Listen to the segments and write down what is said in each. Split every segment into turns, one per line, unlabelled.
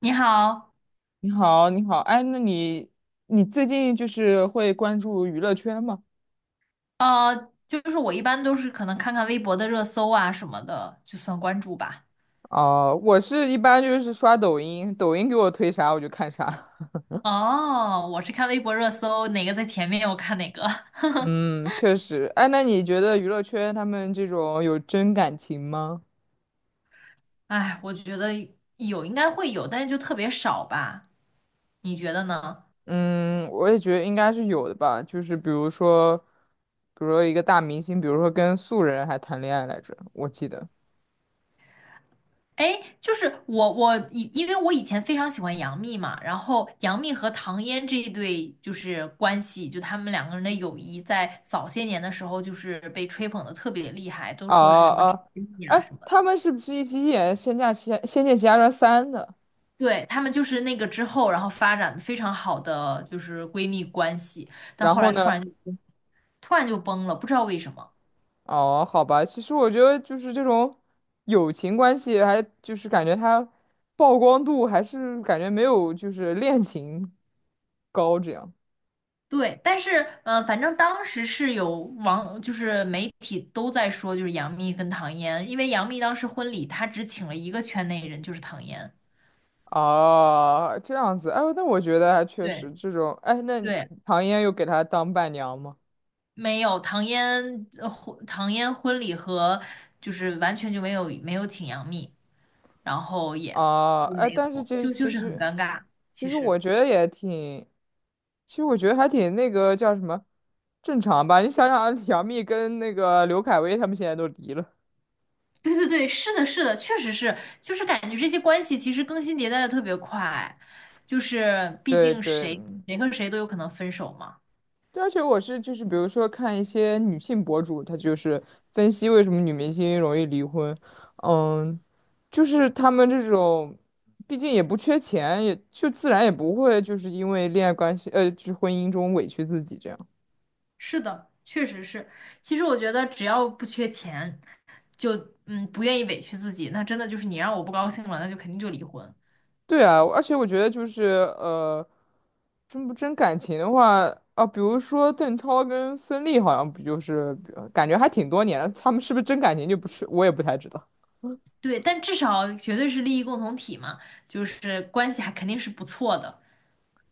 你好，
你好，你好，哎，那你最近就是会关注娱乐圈吗？
就是我一般都是可能看看微博的热搜啊什么的，就算关注吧。
哦，我是一般就是刷抖音，抖音给我推啥我就看啥。
哦，我是看微博热搜，哪个在前面我看哪个。
嗯，确实。哎，那你觉得娱乐圈他们这种有真感情吗？
哎，我觉得有应该会有，但是就特别少吧？你觉得呢？
嗯，我也觉得应该是有的吧。就是比如说一个大明星，比如说跟素人还谈恋爱来着，我记得。
哎，就是我我以因为我以前非常喜欢杨幂嘛，然后杨幂和唐嫣这一对就是关系，就他们两个人的友谊，在早些年的时候就是被吹捧的特别厉害，都
哦
说是什么知
哦，
己蜜啊
哎，
什么
他
的。
们是不是一起演《仙剑奇侠传三》的？
对，她们就是那个之后，然后发展得非常好的就是闺蜜关系，但
然
后
后
来突
呢？
然就崩突然就崩了，不知道为什么。
哦，好吧，其实我觉得就是这种友情关系，还就是感觉它曝光度还是感觉没有就是恋情高这样。
对，但是反正当时是有网，就是媒体都在说，就是杨幂跟唐嫣，因为杨幂当时婚礼她只请了一个圈内人，就是唐嫣。
啊，这样子，哎呦，那我觉得还确实
对
这种，哎，那
对，
唐嫣又给他当伴娘吗？
没有唐嫣呃婚唐嫣婚礼和就是完全就没有请杨幂，然后也
啊，
都
哎，
没
但是
有，
这
就就
其
是很
实
尴尬，
其
其
实我
实。
觉得也挺，其实我觉得还挺那个叫什么正常吧，你想想啊 杨幂跟那个刘恺威他们现在都离了。
对对对，是的，是的，确实是，就是感觉这些关系其实更新迭代的特别快，就是毕
对
竟
对。
谁谁和谁都有可能分手嘛。
对，而且我是就是，比如说看一些女性博主，她就是分析为什么女明星容易离婚。嗯，就是她们这种，毕竟也不缺钱，也就自然也不会就是因为恋爱关系，就是婚姻中委屈自己这样。
是的，确实是。其实我觉得只要不缺钱，就不愿意委屈自己，那真的就是你让我不高兴了，那就肯定就离婚。
对啊，而且我觉得就是呃，真不真感情的话啊，比如说邓超跟孙俪好像不就是感觉还挺多年了，他们是不是真感情就不是，我也不太知道。
对，但至少绝对是利益共同体嘛，就是关系还肯定是不错的。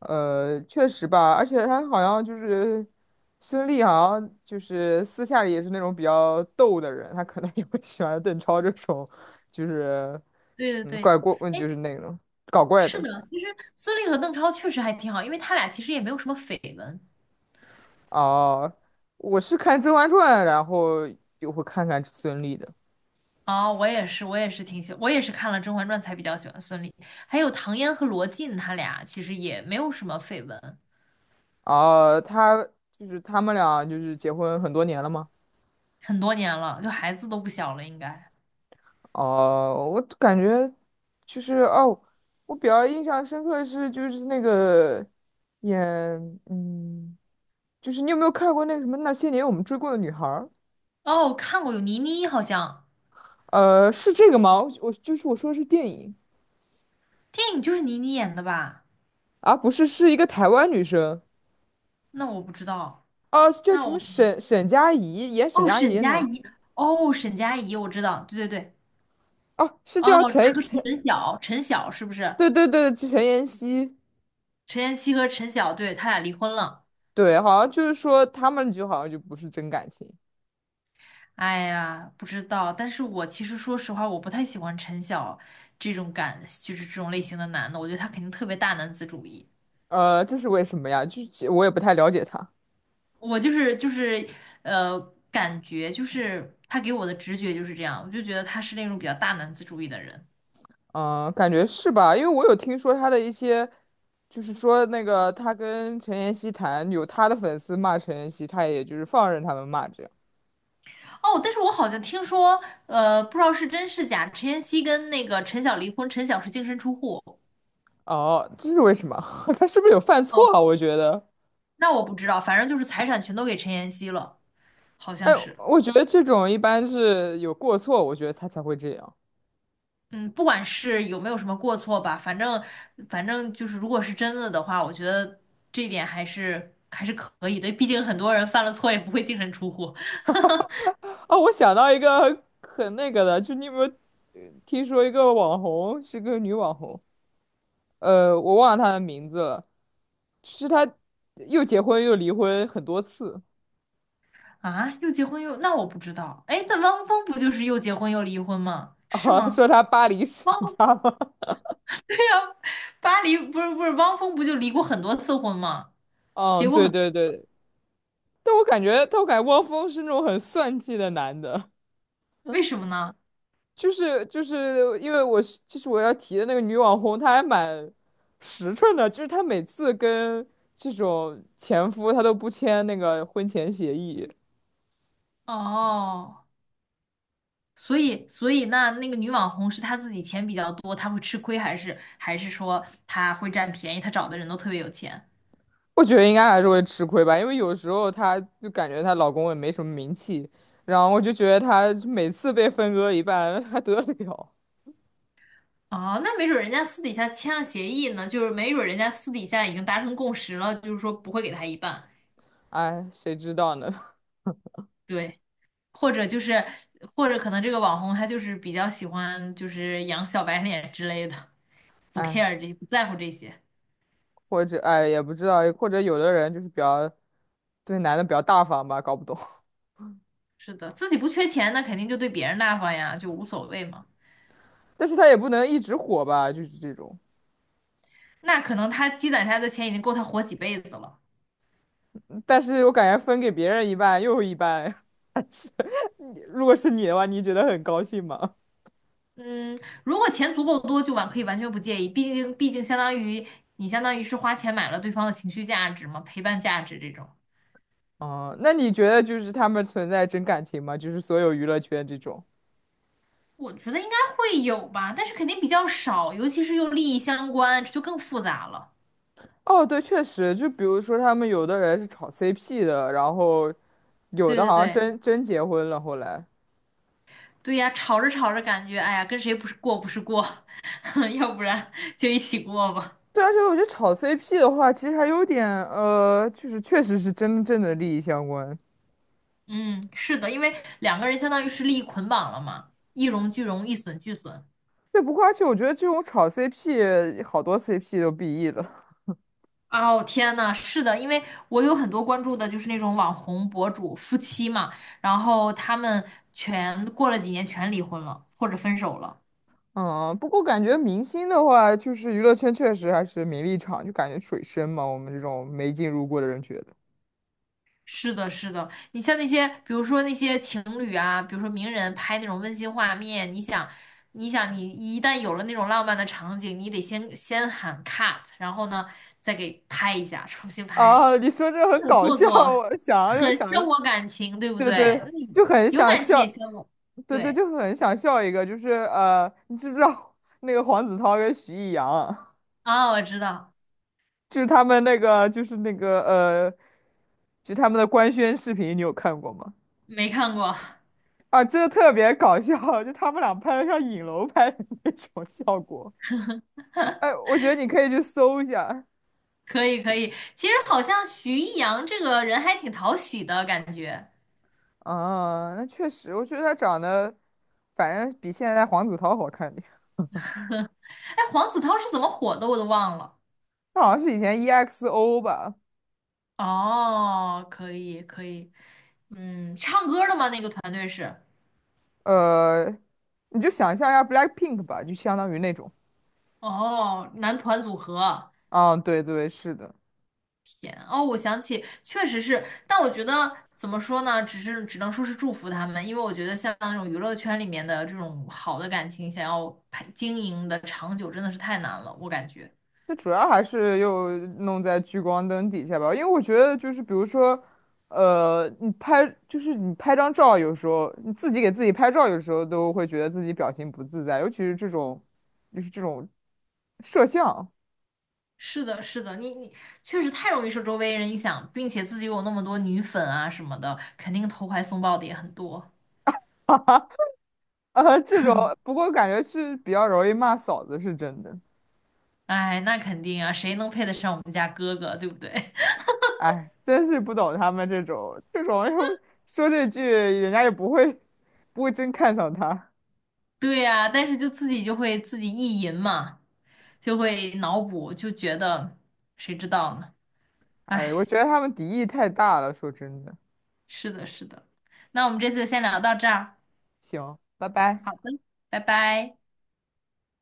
确实吧，而且他好像就是孙俪，好像就是私下里也是那种比较逗的人，他可能也会喜欢邓超这种，就是
对对对，
怪过，就是那种搞怪
是
的。
的，其实孙俪和邓超确实还挺好，因为他俩其实也没有什么绯闻。
哦，我是看《甄嬛传》，然后又会看看孙俪的。
哦，我也是，我也是挺喜，我也是看了《甄嬛传》才比较喜欢孙俪，还有唐嫣和罗晋，他俩其实也没有什么绯闻，
哦，他就是他们俩就是结婚很多年了吗？
很多年了，就孩子都不小了，应该。
哦，我感觉就是我比较印象深刻的是就是那个演嗯，就是你有没有看过那个什么那些年我们追过的女孩儿？
哦，我看过有倪妮，好像
是这个吗？我就是我说的是电影。
电影就是倪妮演的吧？
啊，不是，是一个台湾女生。
那我不知道，
哦，叫
那
什么
我
沈佳宜演沈
哦，
佳宜
沈
的那
佳
个。
宜，哦，沈佳宜，我知道，对对对，
哦，是
哦，
叫
她
陈
和
陈
陈晓，陈晓是不是？
对对对陈妍希。
陈妍希和陈晓，对，他俩离婚了。
对，好像就是说他们就好像就不是真感情，
哎呀，不知道，但是我其实说实话，我不太喜欢陈晓这种感，就是这种类型的男的，我觉得他肯定特别大男子主义。
这是为什么呀？就是我也不太了解她。
我就是就是，呃，感觉就是他给我的直觉就是这样，我就觉得他是那种比较大男子主义的人。
嗯，感觉是吧？因为我有听说他的一些，就是说那个他跟陈妍希谈，有他的粉丝骂陈妍希，他也就是放任他们骂这样。
哦，但是我好像听说，不知道是真是假，陈妍希跟那个陈晓离婚，陈晓是净身出户。
哦，这是为什么？他是不是有犯错
哦，
啊？我觉得，
那我不知道，反正就是财产全都给陈妍希了，好
哎，
像是。
我觉得这种一般是有过错，我觉得他才会这样。
嗯，不管是有没有什么过错吧，反正就是，如果是真的的话，我觉得这一点还是可以的。毕竟很多人犯了错也不会净身出户
哦，我想到一个很那个的，就你有没有听说一个网红，是个女网红，我忘了她的名字了，是她又结婚又离婚很多次。
啊。又结婚又……那我不知道。哎，那汪峰不就是又结婚又离婚吗？是
啊，
吗？
说他巴黎世
汪
家吗？
巴黎不是汪峰不就离过很多次婚吗？结
嗯，
过
对
很……
对对，但我感觉汪峰是那种很算计的男的，
为什么呢？
就是因为我是就是我要提的那个女网红，她还蛮实诚的，就是她每次跟这种前夫，她都不签那个婚前协议。
哦，所以那那个女网红是她自己钱比较多，她会吃亏，还是说她会占便宜？她找的人都特别有钱？
我觉得应该还是会吃亏吧，因为有时候她就感觉她老公也没什么名气，然后我就觉得她每次被分割一半还 得了，
哦，那没准儿人家私底下签了协议呢，就是没准儿人家私底下已经达成共识了，就是说不会给他一半，
哎，谁知道呢？
对，或者就是，或者可能这个网红他就是比较喜欢就是养小白脸之类的，不
哎。
care 这些，不在乎这些，
或者哎也不知道，或者有的人就是比较对男的比较大方吧，搞不懂。
是的，自己不缺钱，那肯定就对别人大方呀，就无所谓嘛。
但是他也不能一直火吧，就是这种。
那可能他积攒下来的钱已经够他活几辈子了。
但是我感觉分给别人一半又一半，还是你如果是你的话，你觉得很高兴吗？
嗯，如果钱足够多，就完可以完全不介意，毕竟相当于你相当于是花钱买了对方的情绪价值嘛，陪伴价值这种。
哦，那你觉得就是他们存在真感情吗？就是所有娱乐圈这种。
我觉得应该会有吧，但是肯定比较少，尤其是又利益相关，这就更复杂了。
哦，对，确实，就比如说他们有的人是炒 CP 的，然后有
对
的
对
好像
对
真结婚了，后来。
对呀，吵着吵着感觉，哎呀，跟谁不是过不是过，要不然 就一起过吧。
对，而且我觉得炒 CP 的话，其实还有点就是确实是真正的利益相关。
嗯，是的，因为两个人相当于是利益捆绑了嘛，一荣俱荣，一损俱损。
对，不过而且我觉得这种炒 CP,好多 CP 都 BE 了。
哦，天呐，是的，因为我有很多关注的就是那种网红博主夫妻嘛，然后他们全过了几年全离婚了，或者分手了。
嗯，不过感觉明星的话，就是娱乐圈确实还是名利场，就感觉水深嘛，我们这种没进入过的人觉得。
是的，是的，你像那些，比如说那些情侣啊，比如说名人拍那种温馨画面，你想，你想，你一旦有了那种浪漫的场景，你得先喊 cut，然后呢，再给拍一下，重新拍，
啊，你说这很
很
搞
做
笑，
作，
我想就
很消
想，
磨感情，对不
对
对？
对，
那你
就很
有
想
感情也
笑，
消磨，
对对，
对
就很想笑一个，就是你知不知道 那个黄子韬跟徐艺洋啊，
啊，我知道，
就是他们那个，就是那个就他们的官宣视频，你有看过吗？
没看过，
啊，真的特别搞笑，就他们俩拍的像影楼拍的那种效果。哎，我觉得你可以去搜一下。
可以可以。其实好像徐艺洋这个人还挺讨喜的感觉，
啊，那确实，我觉得他长得，反正比现在黄子韬好看点。
哎，黄子韬是怎么火的，我都忘了。
他好像是以前 EXO 吧，
哦，可以可以，嗯，唱歌的吗？那个团队是，
呃，你就想象一下 BLACKPINK 吧，就相当于那种。
哦，男团组合，
啊，对对，是的。
天哦，我想起，确实是，但我觉得怎么说呢，只是只能说是祝福他们，因为我觉得像那种娱乐圈里面的这种好的感情，想要经营的长久，真的是太难了，我感觉。
那主要还是又弄在聚光灯底下吧，因为我觉得就是比如说，就是你拍张照，有时候你自己给自己拍照，有时候都会觉得自己表情不自在，尤其是这种就是这种摄像，
是的，是的，你你确实太容易受周围人影响，并且自己有那么多女粉啊什么的，肯定投怀送抱的也很多。
这种不过感觉是比较容易骂嫂子，是真的。
哎，那肯定啊，谁能配得上我们家哥哥，对不对？
哎，真是不懂他们这种又说这句，人家也不会真看上他。
对呀，但是就自己就会自己意淫嘛，就会脑补，就觉得谁知道呢？
哎，我
哎，
觉得他们敌意太大了，说真的。
是的，是的。那我们这次先聊到这儿，
行，拜拜。
好的，拜拜。